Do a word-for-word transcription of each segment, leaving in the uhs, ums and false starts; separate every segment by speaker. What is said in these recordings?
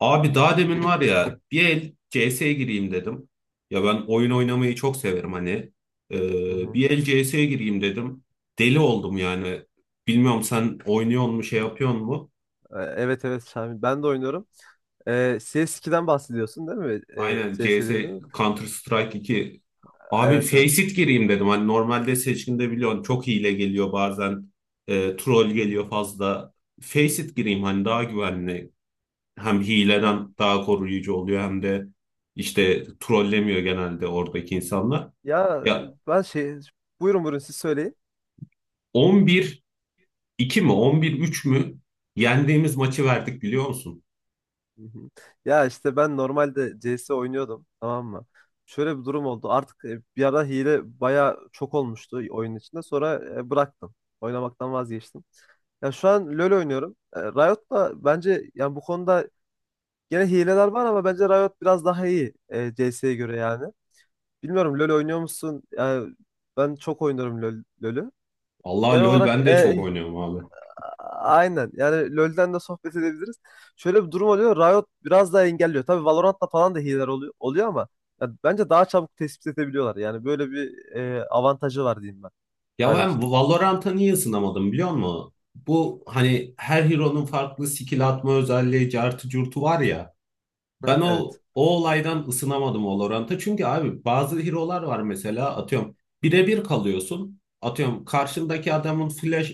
Speaker 1: Abi daha demin var ya bir el C S'ye gireyim dedim. Ya ben oyun oynamayı çok severim hani.
Speaker 2: Hı
Speaker 1: Ee,
Speaker 2: hı.
Speaker 1: bir el C S'ye gireyim dedim. Deli oldum yani. Bilmiyorum, sen oynuyor mu şey yapıyor mu?
Speaker 2: E, Evet evet Şamil. Ben de oynuyorum. E, C S ikiden bahsediyorsun değil mi? E,
Speaker 1: Aynen,
Speaker 2: C S
Speaker 1: C S,
Speaker 2: dedin.
Speaker 1: Counter Strike iki. Abi
Speaker 2: Evet evet.
Speaker 1: Faceit gireyim dedim. Hani normalde seçkinde biliyorsun çok hile geliyor bazen. E, troll
Speaker 2: Hı
Speaker 1: geliyor
Speaker 2: hı.
Speaker 1: fazla. Faceit gireyim hani daha güvenli. Hem
Speaker 2: Evet.
Speaker 1: hileden daha koruyucu oluyor hem de işte trollemiyor genelde oradaki insanlar.
Speaker 2: Ya
Speaker 1: Ya,
Speaker 2: ben şey... Buyurun buyurun, siz söyleyin.
Speaker 1: on bir iki mi on bir üç mü yendiğimiz maçı verdik biliyor musun?
Speaker 2: Hı hı. Ya işte ben normalde C S oynuyordum, tamam mı? Şöyle bir durum oldu. Artık e, bir ara hile baya çok olmuştu oyun içinde. Sonra e, bıraktım. Oynamaktan vazgeçtim. Ya şu an LoL oynuyorum. E, Riot da bence yani bu konuda gene hileler var, ama bence Riot biraz daha iyi e, C S'ye göre yani. Bilmiyorum, LoL oynuyor musun? Yani ben çok oynarım LoL, LoL'ü.
Speaker 1: Allah,
Speaker 2: Genel
Speaker 1: LoL
Speaker 2: olarak
Speaker 1: ben
Speaker 2: e,
Speaker 1: de çok
Speaker 2: e,
Speaker 1: oynuyorum abi.
Speaker 2: aynen. Yani LoL'den de sohbet edebiliriz. Şöyle bir durum oluyor. Riot biraz daha engelliyor. Tabii Valorant'ta falan da hileler oluyor, oluyor, ama ya bence daha çabuk tespit edebiliyorlar. Yani böyle bir e, avantajı var diyeyim ben
Speaker 1: Ya ben
Speaker 2: Riot'un.
Speaker 1: Valorant'a niye ısınamadım biliyor musun? Bu hani her hero'nun farklı skill atma özelliği, cartı curtu var ya.
Speaker 2: Ha,
Speaker 1: Ben o
Speaker 2: evet.
Speaker 1: o olaydan ısınamadım o Valorant'a. Çünkü abi bazı hero'lar var, mesela atıyorum birebir kalıyorsun. Atıyorum, karşındaki adamın flash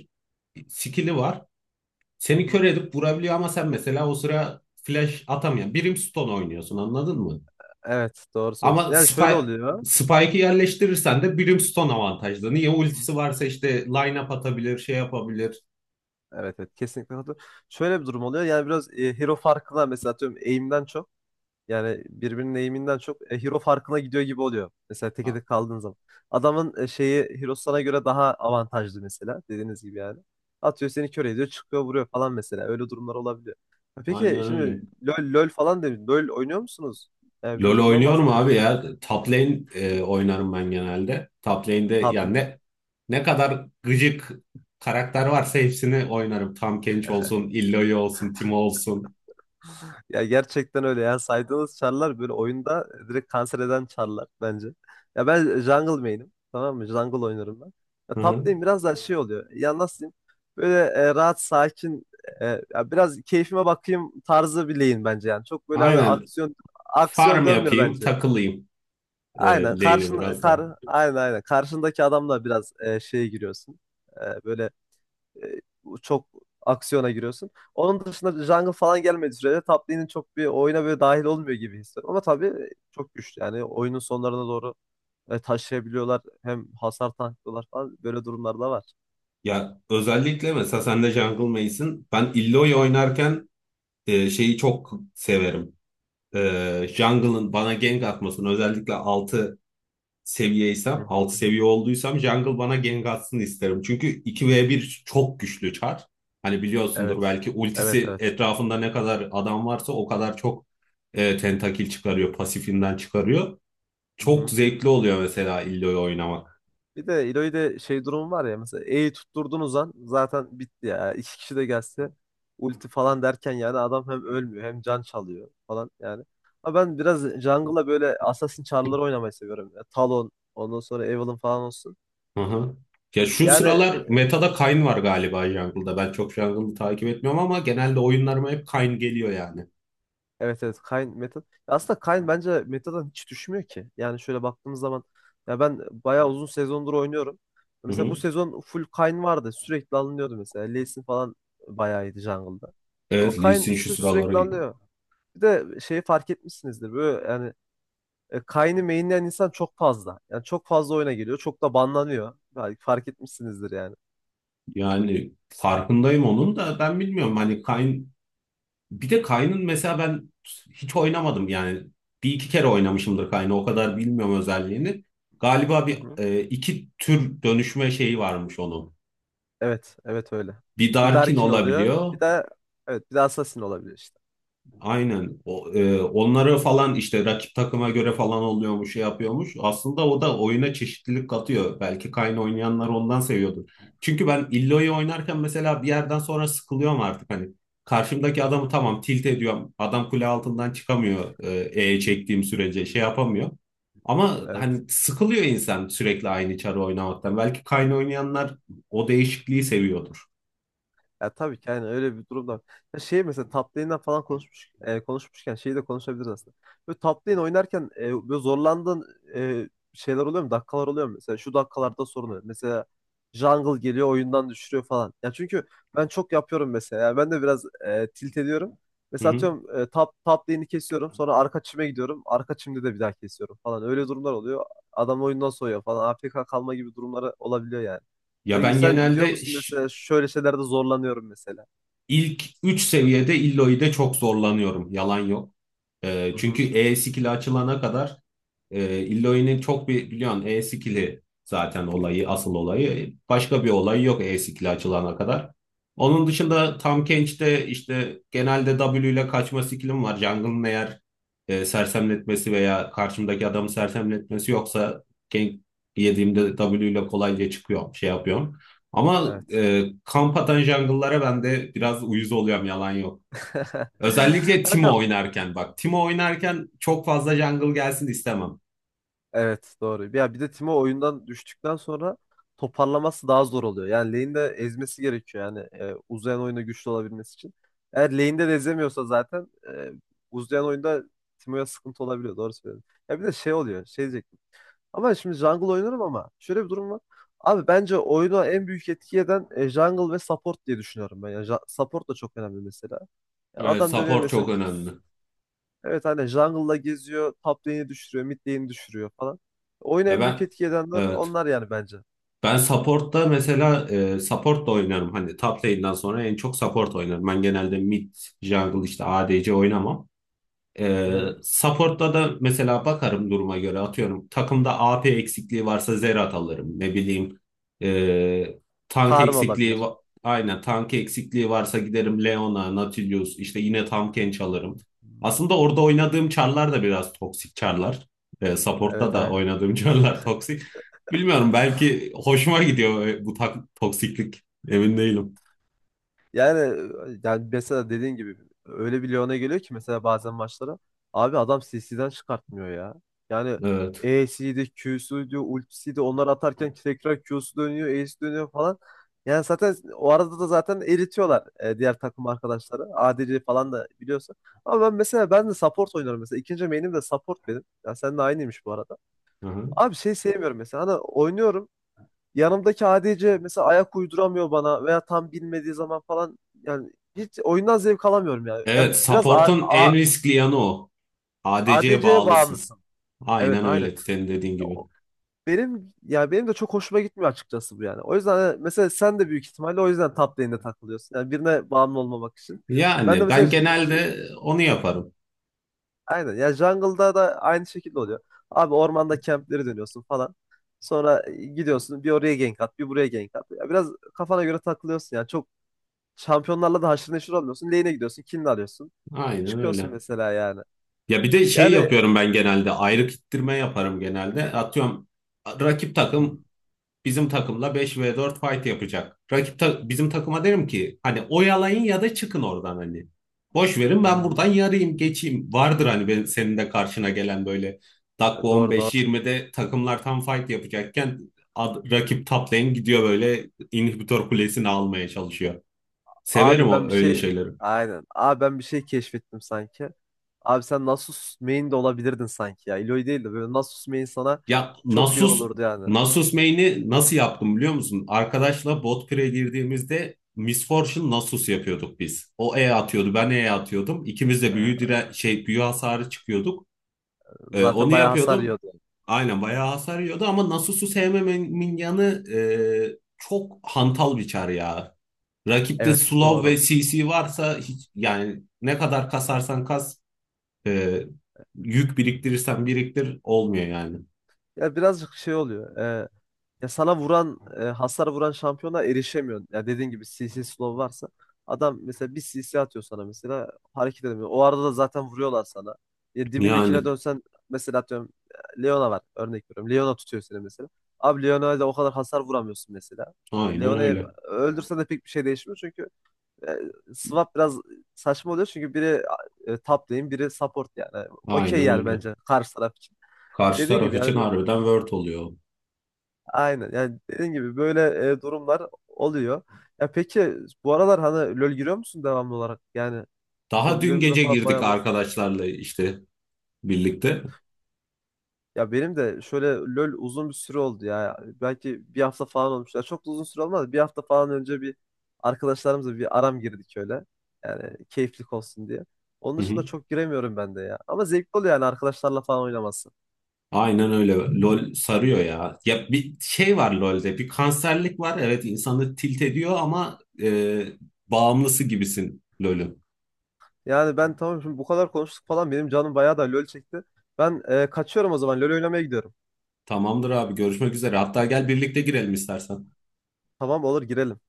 Speaker 1: skill'i var.
Speaker 2: Hı
Speaker 1: Seni
Speaker 2: hı.
Speaker 1: kör edip vurabiliyor ama sen mesela o sıra flash atamayan birim stun oynuyorsun, anladın mı?
Speaker 2: Evet, doğru söylüyorsun.
Speaker 1: Ama
Speaker 2: Yani şöyle
Speaker 1: Spike,
Speaker 2: oluyor.
Speaker 1: Spike'ı yerleştirirsen de Brimstone avantajlı. Niye?
Speaker 2: Hı.
Speaker 1: Ultisi varsa işte line-up atabilir, şey yapabilir.
Speaker 2: Evet evet, kesinlikle katılıyorum. Şöyle bir durum oluyor. Yani biraz e, hero farkı, mesela atıyorum aim'den çok. Yani birbirinin eğiminden çok e, hero farkına gidiyor gibi oluyor. Mesela teke
Speaker 1: Ha,
Speaker 2: tek kaldığın zaman. Adamın e, şeyi, hero sana göre daha avantajlı mesela, dediğiniz gibi yani. Atıyor, seni kör ediyor, çıkıyor, vuruyor falan mesela. Öyle durumlar olabiliyor. Ha,
Speaker 1: aynen
Speaker 2: peki, şimdi
Speaker 1: öyle.
Speaker 2: LoL, LoL falan demiş. LoL oynuyor musunuz? Yani
Speaker 1: LoL
Speaker 2: biraz ondan
Speaker 1: oynuyorum
Speaker 2: bahsedelim.
Speaker 1: abi ya. Top lane e, oynarım ben genelde. Top lane'de
Speaker 2: Tab
Speaker 1: yani ne ne kadar gıcık karakter varsa hepsini oynarım. Tahm olsun, Illaoi olsun, Timo olsun.
Speaker 2: Ya gerçekten öyle ya. Saydığınız çarlar böyle oyunda direkt kanser eden çarlar bence. Ya ben jungle main'im. Tamam mı? Jungle oynarım ben. Ya
Speaker 1: Hı
Speaker 2: top
Speaker 1: hı.
Speaker 2: lane biraz daha şey oluyor. Ya nasıl diyeyim? Böyle e, rahat, sakin, e, ya biraz keyfime bakayım tarzı bir lane bence yani. Çok böyle hani
Speaker 1: Aynen.
Speaker 2: aksiyon aksiyon
Speaker 1: Farm
Speaker 2: dönmüyor
Speaker 1: yapayım,
Speaker 2: bence.
Speaker 1: takılayım e,
Speaker 2: Aynen.
Speaker 1: lane'e
Speaker 2: Karşın
Speaker 1: biraz
Speaker 2: kar
Speaker 1: daha.
Speaker 2: Aynen, aynen. Karşındaki adamla biraz e, şeye giriyorsun. E, böyle e, çok aksiyona giriyorsun. Onun dışında jungle falan gelmediği sürece top lane'in çok bir oyuna böyle dahil olmuyor gibi hissediyorum. Ama tabii çok güçlü yani oyunun sonlarına doğru e, taşıyabiliyorlar. Hem hasar tanklıyorlar falan, böyle durumlar da var.
Speaker 1: Ya özellikle mesela sen de Jungle Mage'sin. Ben Illaoi oynarken e, şeyi çok severim. E, Jungle'ın bana gank atmasını özellikle altı
Speaker 2: Hı
Speaker 1: seviyeysem, altı
Speaker 2: hı.
Speaker 1: seviye olduysam Jungle bana gank atsın isterim. Çünkü iki v bir çok güçlü çar. Hani biliyorsundur
Speaker 2: Evet.
Speaker 1: belki
Speaker 2: Evet
Speaker 1: ultisi
Speaker 2: evet.
Speaker 1: etrafında ne kadar adam varsa o kadar çok e, tentakil çıkarıyor, pasifinden çıkarıyor.
Speaker 2: Hı
Speaker 1: Çok
Speaker 2: hı.
Speaker 1: zevkli oluyor mesela Illio'yu oynamak.
Speaker 2: Bir de İloy'de şey durum var ya, mesela E'yi tutturdunuz an zaten bitti ya. İki kişi de gelse ulti falan derken yani adam hem ölmüyor hem can çalıyor falan yani. Ama ben biraz jungle'a böyle Assassin çarları oynamayı seviyorum. Ya. Talon, ondan sonra Evelynn falan olsun.
Speaker 1: Hı hı. Ya şu
Speaker 2: Yani
Speaker 1: sıralar metada Kayn var galiba jungle'da. Ben çok jungle'ı takip etmiyorum ama genelde oyunlarıma hep Kayn geliyor yani.
Speaker 2: evet evet, Kayn meta. Aslında Kayn bence meta'dan hiç düşmüyor ki. Yani şöyle baktığımız zaman ya ben bayağı uzun sezondur oynuyorum.
Speaker 1: Hı
Speaker 2: Mesela
Speaker 1: hı.
Speaker 2: bu sezon full Kayn vardı. Sürekli alınıyordu mesela. Lee Sin falan bayağı iyiydi jungle'da. Ama
Speaker 1: Evet, Lee
Speaker 2: Kayn
Speaker 1: Sin şu
Speaker 2: sü- sürekli
Speaker 1: sıraları.
Speaker 2: alınıyor. Bir de şeyi fark etmişsinizdir. Böyle yani e, Kayn'i mainleyen insan çok fazla. Yani çok fazla oyuna geliyor. Çok da banlanıyor. Belki fark etmişsinizdir yani.
Speaker 1: Yani farkındayım, onun da ben bilmiyorum hani Kayn, bir de Kayn'ın mesela ben hiç oynamadım yani, bir iki kere oynamışımdır, Kayn'ı o kadar bilmiyorum özelliğini. Galiba bir e, iki tür dönüşme şeyi varmış onun.
Speaker 2: Evet, evet öyle.
Speaker 1: Bir
Speaker 2: Bir
Speaker 1: Darkin
Speaker 2: Darkin oluyor.
Speaker 1: olabiliyor.
Speaker 2: Bir de, evet, bir de Assassin olabilir işte.
Speaker 1: Aynen. O, e, onları falan işte rakip takıma göre falan oluyormuş, şey yapıyormuş. Aslında o da oyuna çeşitlilik katıyor. Belki Kayn oynayanlar ondan seviyordur. Çünkü ben Illo'yu oynarken mesela bir yerden sonra sıkılıyorum artık hani. Karşımdaki adamı tamam tilt ediyorum. Adam kule altından çıkamıyor, e, E çektiğim sürece şey yapamıyor. Ama hani
Speaker 2: Evet.
Speaker 1: sıkılıyor insan sürekli aynı çarı oynamaktan. Belki Kayn oynayanlar o değişikliği seviyordur.
Speaker 2: Ya tabii ki yani öyle bir durumda var. Ya şey, mesela top lane'den falan konuşmuş, e, konuşmuşken şeyi de konuşabiliriz aslında. Böyle top lane oynarken e, böyle zorlandığın e, şeyler oluyor mu? Dakikalar oluyor mu? Mesela şu dakikalarda sorun oluyor. Mesela jungle geliyor, oyundan düşürüyor falan. Ya çünkü ben çok yapıyorum mesela. Yani ben de biraz e, tilt ediyorum.
Speaker 1: Hı
Speaker 2: Mesela
Speaker 1: hı.
Speaker 2: atıyorum e, top, top lane'i kesiyorum. Sonra arka çime gidiyorum. Arka çimde de bir daha kesiyorum falan. Öyle durumlar oluyor. Adam oyundan soğuyor falan. A F K kalma gibi durumları olabiliyor yani.
Speaker 1: Ya
Speaker 2: Peki
Speaker 1: ben
Speaker 2: sen diyor
Speaker 1: genelde
Speaker 2: musun
Speaker 1: ş-
Speaker 2: mesela, şöyle şeylerde zorlanıyorum mesela?
Speaker 1: ilk üç seviyede illoy'de çok zorlanıyorum. Yalan yok. Ee,
Speaker 2: Hı
Speaker 1: çünkü
Speaker 2: hı,
Speaker 1: E skill'i açılana kadar. E, Illoy'nin çok bir biliyorsun E-Skill'i zaten olayı, asıl olayı. Başka bir olayı yok E-Skill'i açılana kadar. Onun dışında Tam Kench'te işte genelde W ile kaçma skill'im var. Jungle'ın eğer e, sersemletmesi veya karşımdaki adamı sersemletmesi yoksa gank yediğimde W ile kolayca çıkıyorum, şey yapıyorum. Ama
Speaker 2: evet.
Speaker 1: e, kamp atan jungle'lara ben de biraz uyuz oluyorum, yalan yok. Özellikle Timo
Speaker 2: Kankam,
Speaker 1: oynarken bak. Timo oynarken çok fazla jungle gelsin istemem.
Speaker 2: evet, doğru. Ya bir de Timo oyundan düştükten sonra toparlaması daha zor oluyor. Yani lane'de ezmesi gerekiyor yani e, uzayan oyunda güçlü olabilmesi için. Eğer lane'de de ezemiyorsa zaten e, uzayan oyunda Timo'ya sıkıntı olabiliyor. Doğru söylüyorsun. Ya bir de şey oluyor. Şey diyecektim. Ama şimdi jungle oynarım ama şöyle bir durum var. Abi bence oyuna en büyük etki eden e, jungle ve support diye düşünüyorum ben. Yani ja- support da çok önemli mesela. Yani
Speaker 1: Evet,
Speaker 2: adam dönüyor
Speaker 1: support
Speaker 2: mesela,
Speaker 1: çok önemli.
Speaker 2: evet, hani jungle'la geziyor, top lane'i düşürüyor, mid lane'i düşürüyor falan. Oyuna
Speaker 1: Ya
Speaker 2: en büyük
Speaker 1: ben,
Speaker 2: etki edenler
Speaker 1: evet,
Speaker 2: onlar yani bence.
Speaker 1: ben support'ta mesela e, support da oynarım. Hani top lane'den sonra en çok support oynarım. Ben genelde mid, jungle işte A D C oynamam. Ee,
Speaker 2: Hı-hı.
Speaker 1: support'ta da mesela bakarım duruma göre atıyorum. Takımda A P eksikliği varsa Zerat alırım. Ne bileyim ee, tank
Speaker 2: Karma
Speaker 1: eksikliği
Speaker 2: olabilir.
Speaker 1: va- aynen tank eksikliği varsa giderim Leona, Nautilus işte yine Tahm alırım.
Speaker 2: Hı.
Speaker 1: Aslında orada oynadığım çarlar da biraz toksik çarlar. Ee, support'ta
Speaker 2: Evet
Speaker 1: da
Speaker 2: aynen.
Speaker 1: oynadığım çarlar toksik. Bilmiyorum, belki hoşuma gidiyor e, bu tak toksiklik. Emin değilim.
Speaker 2: Yani e, yani mesela dediğin gibi, öyle bir Lyon'a geliyor ki mesela bazen maçlara, abi adam C C'den çıkartmıyor ya. Yani
Speaker 1: Evet.
Speaker 2: E'siydi, Q'suydu, ultisiydi onlar atarken tekrar Q'su dönüyor, E'si dönüyor falan. Yani zaten o arada da zaten eritiyorlar e, diğer takım arkadaşları. A D C falan da biliyorsun. Ama ben mesela, ben de support oynarım mesela. İkinci main'im de support benim. Ya sen de aynıymış bu arada.
Speaker 1: Hı hı.
Speaker 2: Abi şey sevmiyorum mesela. Hani oynuyorum. Yanımdaki A D C mesela ayak uyduramıyor bana veya tam bilmediği zaman falan, yani hiç oyundan zevk alamıyorum yani. Yani
Speaker 1: Evet,
Speaker 2: biraz A-
Speaker 1: support'un en
Speaker 2: A-
Speaker 1: riskli yanı o. A D C'ye
Speaker 2: ADC'ye
Speaker 1: bağlısın.
Speaker 2: bağımlısın. Evet
Speaker 1: Aynen
Speaker 2: aynen.
Speaker 1: öyle senin dediğin gibi.
Speaker 2: Benim ya, benim de çok hoşuma gitmiyor açıkçası bu yani. O yüzden hani mesela sen de büyük ihtimalle o yüzden top lane'de takılıyorsun. Yani birine bağımlı olmamak için. Ben de
Speaker 1: Yani
Speaker 2: mesela
Speaker 1: ben
Speaker 2: j- j-
Speaker 1: genelde onu yaparım.
Speaker 2: aynen, ya jungle'da da aynı şekilde oluyor. Abi ormanda campleri dönüyorsun falan. Sonra e, gidiyorsun bir oraya gank at, bir buraya gank at. Ya biraz kafana göre takılıyorsun yani. Çok şampiyonlarla da haşır neşir olmuyorsun. Lane'e gidiyorsun. Kill'ini alıyorsun.
Speaker 1: Aynen
Speaker 2: Çıkıyorsun
Speaker 1: öyle.
Speaker 2: mesela yani.
Speaker 1: Ya bir de şey
Speaker 2: Yani.
Speaker 1: yapıyorum, ben genelde ayrık ittirme yaparım genelde. Atıyorum, rakip
Speaker 2: Hmm,
Speaker 1: takım bizim takımla beş ve dört fight yapacak. Rakip ta- bizim takıma derim ki hani oyalayın ya da çıkın oradan hani. Boş verin, ben buradan
Speaker 2: hmm.
Speaker 1: yarayım geçeyim. Vardır hani benim, senin de karşına gelen böyle dakika
Speaker 2: E, Doğru doğru.
Speaker 1: on beş yirmide takımlar tam fight yapacakken ad- rakip top lane gidiyor böyle inhibitor kulesini almaya çalışıyor. Severim
Speaker 2: Abi
Speaker 1: o
Speaker 2: ben bir
Speaker 1: öyle
Speaker 2: şey,
Speaker 1: şeyleri.
Speaker 2: aynen. Abi ben bir şey keşfettim sanki. Abi sen Nasus main de olabilirdin sanki ya. Illaoi değil de böyle Nasus main sana
Speaker 1: Ya
Speaker 2: çok iyi
Speaker 1: Nasus
Speaker 2: olurdu yani.
Speaker 1: Nasus main'i nasıl yaptım biliyor musun? Arkadaşla bot pire girdiğimizde Miss Fortune Nasus yapıyorduk biz. O E atıyordu, ben E atıyordum. İkimiz de büyü
Speaker 2: E,
Speaker 1: dire şey büyü hasarı çıkıyorduk. Ee,
Speaker 2: Zaten
Speaker 1: onu
Speaker 2: bayağı hasar
Speaker 1: yapıyordum.
Speaker 2: yiyordu.
Speaker 1: Aynen bayağı hasar yiyordu ama Nasus'u sevmememin yanı, e, çok hantal bir çar ya. Rakipte
Speaker 2: Evet
Speaker 1: slow ve
Speaker 2: doğru.
Speaker 1: C C varsa hiç yani ne kadar kasarsan kas, e, yük biriktirirsen biriktir olmuyor yani.
Speaker 2: Ya birazcık şey oluyor. E, Ya sana vuran, e, hasar vuran şampiyona erişemiyorsun. Ya dediğin gibi C C slow varsa, adam mesela bir C C atıyor sana, mesela hareket edemiyor. O arada da zaten vuruyorlar sana. Ya dibindekine
Speaker 1: Yani
Speaker 2: dönsen, mesela atıyorum e, Leona var, örnek veriyorum. Leona tutuyor seni mesela. Abi Leona'ya da o kadar hasar vuramıyorsun mesela. E,
Speaker 1: aynen
Speaker 2: Leona'yı
Speaker 1: öyle.
Speaker 2: öldürsen de pek bir şey değişmiyor çünkü e, swap biraz saçma oluyor, çünkü biri e, top lane, biri support yani. Okey,
Speaker 1: Aynen
Speaker 2: yani
Speaker 1: öyle.
Speaker 2: bence karşı taraf için.
Speaker 1: Karşı
Speaker 2: Dediğin
Speaker 1: taraf
Speaker 2: gibi
Speaker 1: için
Speaker 2: yani.
Speaker 1: harbiden word oluyor.
Speaker 2: Aynen. Yani dediğin gibi böyle e, durumlar oluyor. Ya peki, bu aralar hani LoL giriyor musun devamlı olarak? Yani
Speaker 1: Daha dün
Speaker 2: hobilerimizden
Speaker 1: gece
Speaker 2: falan
Speaker 1: girdik
Speaker 2: bayağı bahsedeyim.
Speaker 1: arkadaşlarla işte birlikte.
Speaker 2: Ya benim de şöyle LoL uzun bir süre oldu ya. Belki bir hafta falan olmuş. Ya çok da uzun süre olmadı. Bir hafta falan önce bir arkadaşlarımızla bir aram girdik öyle. Yani keyiflik olsun diye. Onun
Speaker 1: Hı
Speaker 2: dışında
Speaker 1: hı.
Speaker 2: çok giremiyorum ben de ya. Ama zevkli oluyor yani arkadaşlarla falan oynaması.
Speaker 1: Aynen öyle. LOL sarıyor ya. Ya bir şey var LOL'de. Bir kanserlik var. Evet insanı tilt ediyor ama e, bağımlısı gibisin LOL'ün.
Speaker 2: Yani ben tamam, şimdi bu kadar konuştuk falan, benim canım bayağı da LoL çekti. Ben e, kaçıyorum o zaman. LoL oynamaya gidiyorum.
Speaker 1: Tamamdır abi, görüşmek üzere. Hatta gel birlikte girelim istersen.
Speaker 2: Tamam, olur, girelim.